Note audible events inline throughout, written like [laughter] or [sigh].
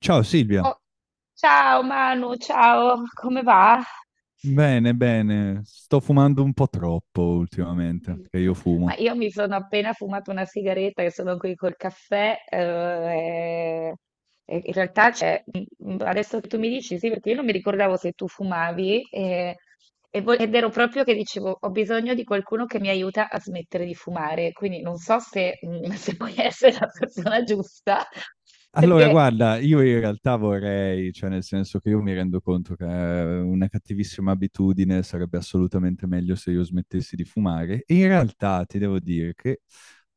Ciao Silvia, Oh, ciao Manu, ciao, come va? bene, bene, sto fumando un po' troppo ultimamente, perché io [laughs] Ma fumo. io mi sono appena fumato una sigaretta e sono qui col caffè. E e in realtà adesso che tu mi dici sì, perché io non mi ricordavo se tu fumavi e ed ero proprio che dicevo ho bisogno di qualcuno che mi aiuta a smettere di fumare, quindi non so se [laughs] se puoi essere la persona giusta, Allora, perché guarda, io in realtà vorrei, cioè nel senso che io mi rendo conto che è una cattivissima abitudine, sarebbe assolutamente meglio se io smettessi di fumare. E in realtà ti devo dire che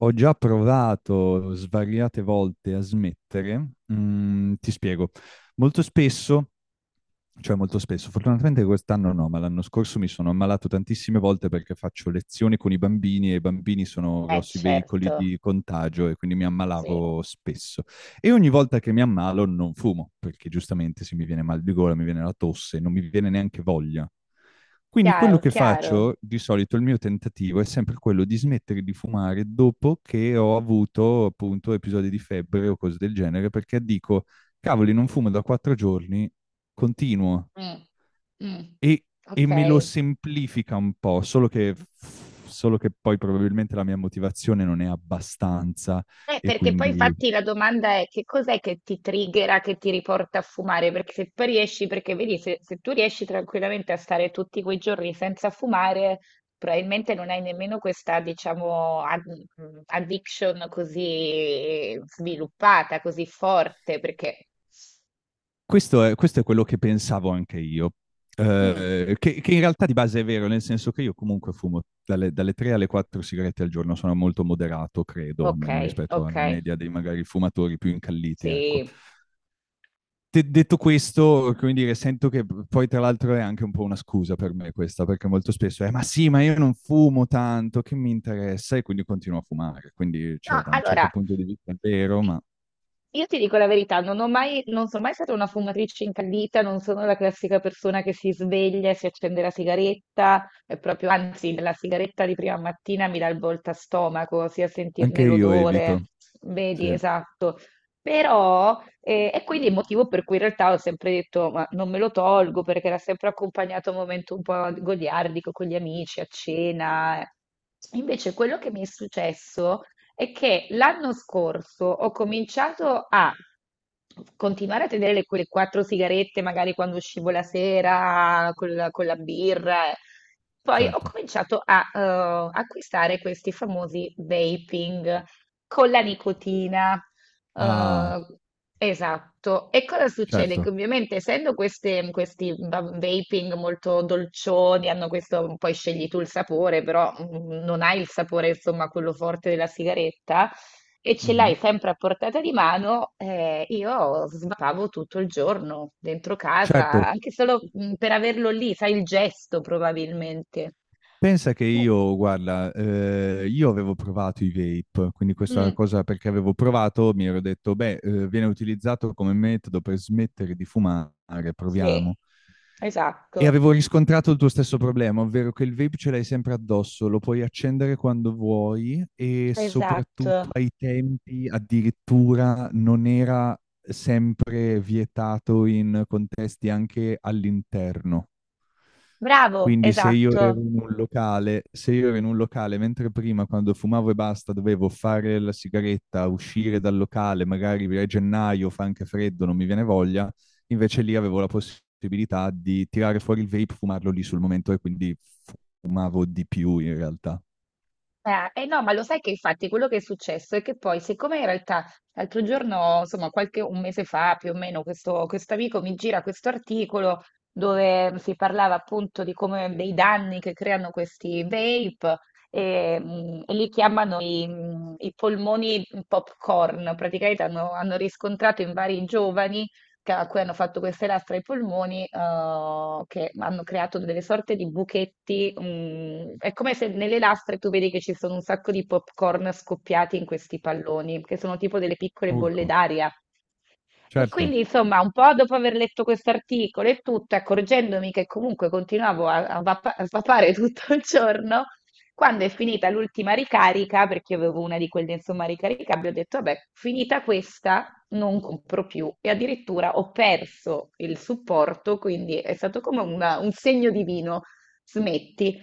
ho già provato svariate volte a smettere. Ti spiego. Molto spesso, cioè molto spesso, fortunatamente quest'anno no, ma l'anno scorso mi sono ammalato tantissime volte perché faccio lezioni con i bambini e i bambini sono eh grossi certo, veicoli di contagio e quindi mi sì, ammalavo spesso. E ogni volta che mi ammalo non fumo, perché giustamente se mi viene mal di gola, mi viene la tosse, non mi viene neanche voglia. Quindi quello chiaro, che chiaro. faccio, di solito il mio tentativo è sempre quello di smettere di fumare dopo che ho avuto appunto episodi di febbre o cose del genere, perché dico, cavoli, non fumo da quattro giorni, continuo Mm, mm, e, e me lo ok. semplifica un po', solo che poi probabilmente la mia motivazione non è abbastanza e Perché poi quindi. infatti la domanda è che cos'è che ti triggera, che ti riporta a fumare? Perché se poi riesci, perché vedi, se tu riesci tranquillamente a stare tutti quei giorni senza fumare, probabilmente non hai nemmeno questa, diciamo, addiction così sviluppata, così forte, perché... Questo è quello che pensavo anche io, Mm, che in realtà di base è vero, nel senso che io comunque fumo dalle 3 alle 4 sigarette al giorno, sono molto moderato, credo, ok, almeno rispetto ok, alla media dei magari fumatori più incalliti, ecco. sì. Detto questo, come dire, sento che poi tra l'altro è anche un po' una scusa per me questa, perché molto spesso è ma sì, ma io non fumo tanto, che mi interessa? E quindi continuo a fumare, quindi No, cioè, da un certo allora, punto di vista è vero, ma io ti dico la verità, non sono mai stata una fumatrice incallita, non sono la classica persona che si sveglia e si accende la sigaretta, è proprio, anzi, la sigaretta di prima mattina mi dà il volta stomaco, sia anche sentirne io l'odore, evito, vedi, sì, esatto. Però, e quindi il motivo per cui in realtà ho sempre detto, ma non me lo tolgo perché era sempre accompagnato a un momento un po' goliardico con gli amici, a cena. Invece quello che mi è successo è che l'anno scorso ho cominciato a continuare a tenere quelle 4 sigarette, magari quando uscivo la sera con la birra. Eh. Poi ho certo. cominciato a acquistare questi famosi vaping con la nicotina. Ah, Eh, esatto. E cosa succede? Che certo. ovviamente essendo questi vaping molto dolcioni, hanno questo, poi scegli tu il sapore, però non hai il sapore, insomma, quello forte della sigaretta, e ce Mhm. l'hai sempre a portata di mano, io svapavo tutto il giorno dentro Certo, casa, anche solo per averlo lì, sai, il gesto probabilmente. pensa che io, guarda, io avevo provato i vape, quindi questa Mm, cosa perché avevo provato, mi ero detto, beh, viene utilizzato come metodo per smettere di fumare, proviamo. sì, E esatto, avevo riscontrato il tuo stesso problema, ovvero che il vape ce l'hai sempre addosso, lo puoi accendere quando vuoi e soprattutto esatto. ai tempi addirittura non era sempre vietato in contesti anche all'interno. Bravo, Quindi se io esatto. ero in un locale, se io ero in un locale, mentre prima quando fumavo e basta dovevo fare la sigaretta, uscire dal locale, magari a gennaio fa anche freddo, non mi viene voglia, invece lì avevo la possibilità di tirare fuori il vape, fumarlo lì sul momento e quindi fumavo di più in realtà. Eh no, ma lo sai che infatti quello che è successo è che poi, siccome in realtà l'altro giorno, insomma, qualche un mese fa più o meno, questo amico mi gira questo articolo dove si parlava appunto di come dei danni che creano questi vape e e li chiamano i i polmoni popcorn. Praticamente hanno, hanno riscontrato in vari giovani a cui hanno fatto queste lastre ai polmoni, che hanno creato delle sorte di buchetti. È come se nelle lastre tu vedi che ci sono un sacco di popcorn scoppiati in questi palloni, che sono tipo delle piccole bolle Urco, d'aria. E certo, quindi, insomma, un po' dopo aver letto questo articolo e tutto, accorgendomi che comunque continuavo a a svapare [laughs] tutto il giorno, quando è finita l'ultima ricarica, perché io avevo una di quelle, insomma, ricaricabili, ho detto, vabbè, finita questa, non compro più e addirittura ho perso il supporto, quindi è stato come un segno divino, smetti.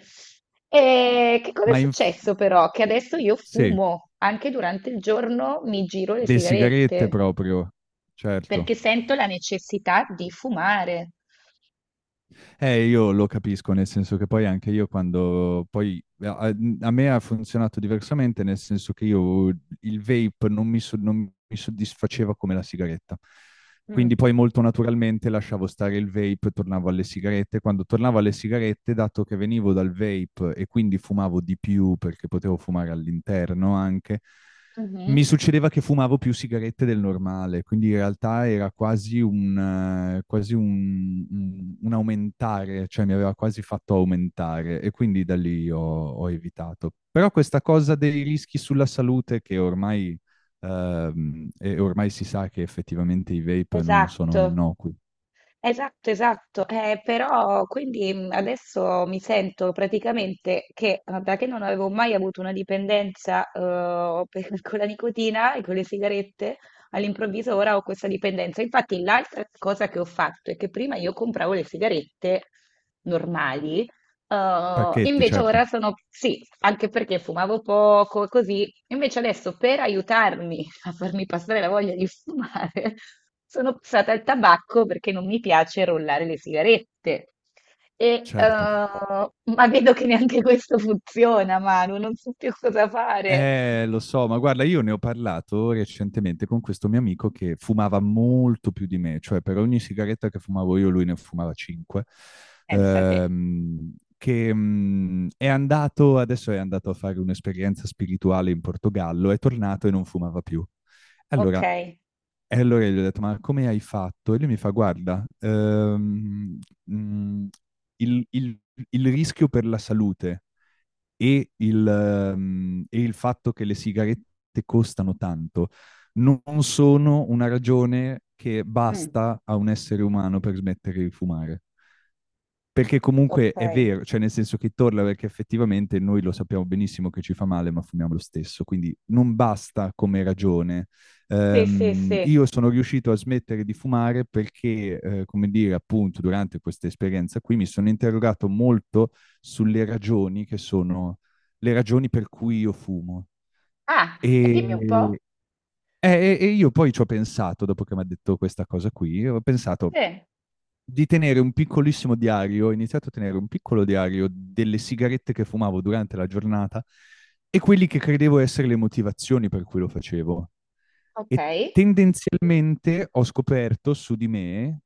E che cosa è ma in- successo però? Che adesso io sì, fumo, anche durante il giorno mi giro le le sigarette sigarette, proprio, certo. perché sento la necessità di fumare. Io lo capisco, nel senso che poi anche io quando a me ha funzionato diversamente, nel senso che io il vape non mi, non mi soddisfaceva come la sigaretta. Quindi Mm. poi molto naturalmente lasciavo stare il vape e tornavo alle sigarette. Quando tornavo alle sigarette, dato che venivo dal vape e quindi fumavo di più perché potevo fumare all'interno anche, Mhm. mi succedeva che fumavo più sigarette del normale, quindi in realtà era quasi un, un aumentare, cioè mi aveva quasi fatto aumentare e quindi da lì ho, ho evitato. Però questa cosa dei rischi sulla salute che ormai, e ormai si sa che effettivamente i vape non Esatto. sono innocui. Esatto, esatto, però quindi adesso mi sento praticamente che da che non avevo mai avuto una dipendenza [laughs] con la nicotina e con le sigarette, all'improvviso ora ho questa dipendenza. Infatti l'altra cosa che ho fatto è che prima io compravo le sigarette normali, Pacchetti, invece ora certo, sono sì, anche perché fumavo poco e così, invece adesso per aiutarmi a farmi passare la voglia di fumare, [laughs] sono passata al tabacco perché non mi piace rollare le sigarette. E, certo. ma vedo che neanche questo funziona, Manu, non so più cosa fare. Lo so, ma guarda, io ne ho parlato recentemente con questo mio amico che fumava molto più di me, cioè per ogni sigaretta che fumavo io, lui ne fumava 5. Pensa te. È andato, adesso è andato a fare un'esperienza spirituale in Portogallo, è tornato e non fumava più. Ok, Allora, e allora gli ho detto, ma come hai fatto? E lui mi fa, guarda, mm, il, il- il rischio per la salute e il, e il fatto che le sigarette costano tanto non sono una ragione che mm, basta a un essere umano per smettere di fumare. Perché comunque ok. è vero, cioè nel senso che torna perché effettivamente noi lo sappiamo benissimo che ci fa male, ma fumiamo lo stesso, quindi non basta come ragione. Sì, sì, sì. Io sono riuscito a smettere di fumare perché, come dire, appunto, durante questa esperienza qui mi sono interrogato molto sulle ragioni che sono le ragioni per cui io fumo. Ah, E, e dimmi un po'. eh, e io poi ci ho pensato, dopo che mi ha detto questa cosa qui, ho pensato, Sì, di tenere un piccolissimo diario, ho iniziato a tenere un piccolo diario delle sigarette che fumavo durante la giornata e quelli che credevo essere le motivazioni per cui lo facevo. ok. E tendenzialmente ho scoperto su di me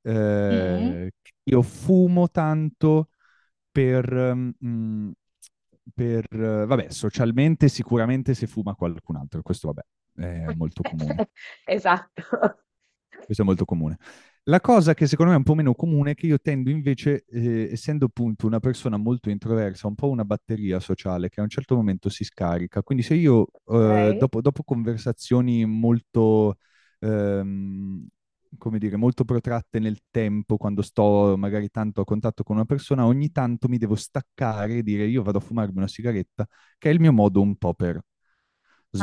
Mm. Che io fumo tanto per, mm, vabbè, socialmente sicuramente se fuma qualcun altro, questo vabbè, è molto comune. [laughs] Esatto. [laughs] Questo è molto comune. La cosa che secondo me è un po' meno comune è che io tendo invece, essendo appunto una persona molto introversa, un po' una batteria sociale che a un certo momento si scarica. Quindi se io Ok. dopo, dopo conversazioni molto, ehm, come dire, molto protratte nel tempo, quando sto magari tanto a contatto con una persona, ogni tanto mi devo staccare e dire io vado a fumarmi una sigaretta, che è il mio modo un po' per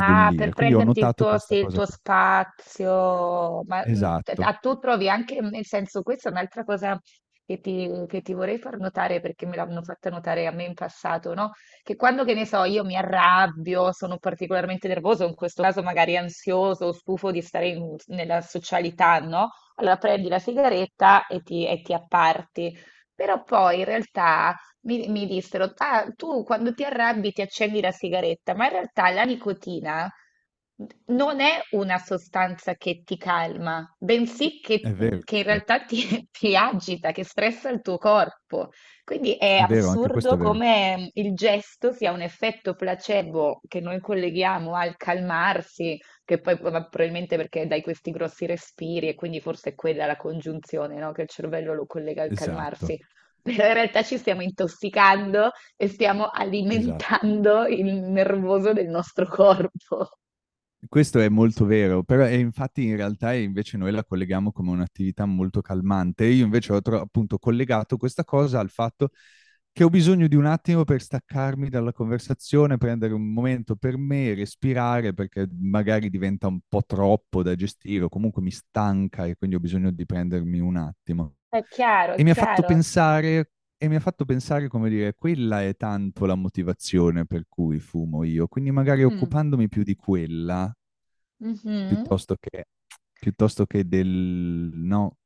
Ah, per Quindi ho prenderti il notato tuo, sì, questa il cosa tuo qui. spazio, ma Esatto, a tu trovi anche, nel senso, questa è un'altra cosa che ti vorrei far notare perché me l'hanno fatta notare a me in passato, no? Che quando, che ne so, io mi arrabbio, sono particolarmente nervoso, in questo caso magari ansioso, o stufo di stare nella socialità, no? Allora prendi la sigaretta e ti apparti. Però poi in realtà mi, mi dissero, ah, tu quando ti arrabbi ti accendi la sigaretta, ma in realtà la nicotina non è una sostanza che ti calma, bensì è vero. che in realtà ti, [laughs] ti agita, che stressa il tuo corpo. Quindi è È vero, anche questo assurdo è vero. come il gesto sia un effetto placebo che noi colleghiamo al calmarsi, che poi ma probabilmente perché dai questi grossi respiri e quindi forse è quella la congiunzione, no? Che il cervello lo collega al Esatto, calmarsi però in realtà ci stiamo intossicando e stiamo esatto. alimentando il nervoso del nostro corpo. Questo è molto vero, però e infatti in realtà invece noi la colleghiamo come un'attività molto calmante. Io invece ho appunto collegato questa cosa al fatto che ho bisogno di un attimo per staccarmi dalla conversazione, prendere un momento per me, respirare, perché magari diventa un po' troppo da gestire o comunque mi stanca e quindi ho bisogno di prendermi un attimo. È chiaro, E è mi ha fatto chiaro. pensare e mi ha fatto pensare, come dire, quella è tanto la motivazione per cui fumo io, quindi magari Mm, occupandomi più di quella, mhm. piuttosto che, piuttosto che del... no,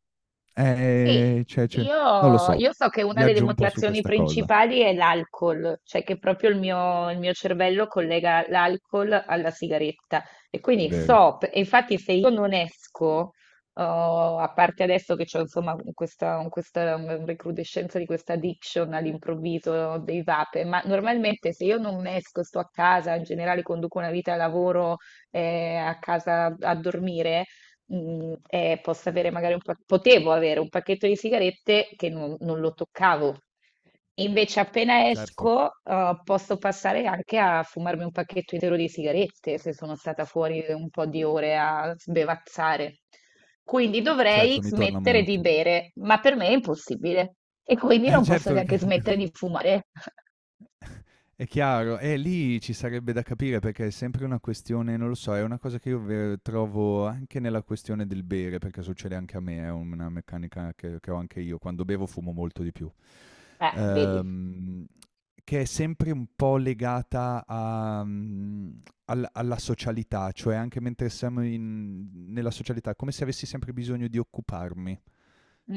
Sì, cioè, non lo so, io so che una delle viaggio un po' su motivazioni questa cosa, principali è l'alcol, cioè che proprio il mio cervello collega l'alcol alla sigaretta e quindi vero? so, e infatti se io non esco, oh, a parte adesso che c'ho insomma questa recrudescenza di questa addiction all'improvviso dei vape, ma normalmente se io non esco, sto a casa, in generale conduco una vita da lavoro a casa a dormire, posso avere magari un potevo avere un pacchetto di sigarette che non lo toccavo. Invece, appena Certo, esco, posso passare anche a fumarmi un pacchetto intero di sigarette se sono stata fuori un po' di ore a sbevazzare. Quindi dovrei certo, mi torna smettere di molto. bere, ma per me è impossibile. E [laughs] quindi non posso certo, neanche smettere di fumare. [laughs] è chiaro, e lì ci sarebbe da capire perché è sempre una questione, non lo so, è una cosa che io trovo anche nella questione del bere, perché succede anche a me, è una meccanica che ho anche io, quando bevo fumo molto di più. Vedi. Ehm, che è sempre un po' legata a, alla socialità, cioè anche mentre siamo nella socialità, come se avessi sempre bisogno di occuparmi,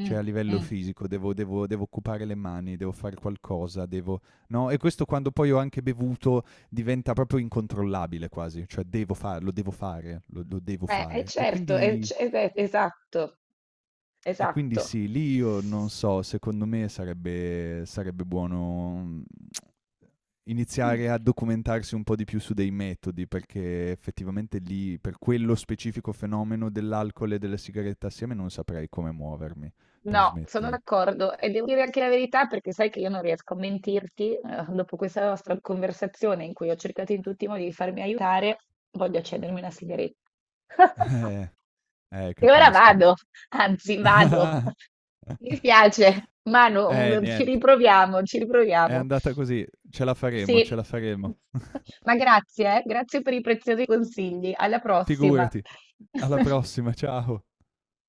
cioè a livello mm. fisico, devo, devo occupare le mani, devo fare qualcosa, devo, no? E questo quando poi ho anche bevuto diventa proprio incontrollabile quasi, cioè devo fare, lo, lo devo fare. E Certo, quindi, esatto, e quindi esatto. sì, lì io non so, secondo me sarebbe, sarebbe buono, Mm. iniziare a documentarsi un po' di più su dei metodi, perché effettivamente lì, per quello specifico fenomeno dell'alcol e della sigaretta assieme, non saprei come muovermi per No, sono smettere. d'accordo e devo dire anche la verità perché sai che io non riesco a mentirti, dopo questa nostra conversazione in cui ho cercato in tutti i modi di farmi aiutare, voglio accendermi una sigaretta. [laughs] [laughs] E ora capisco. vado, anzi vado. [laughs] [laughs] Mi spiace, Manu, ci niente. riproviamo, ci È riproviamo. andata così, ce la faremo, ce Sì, la faremo. [laughs] [laughs] ma grazie, grazie per i preziosi consigli. Alla prossima. Figurati. Alla [laughs] prossima, ciao.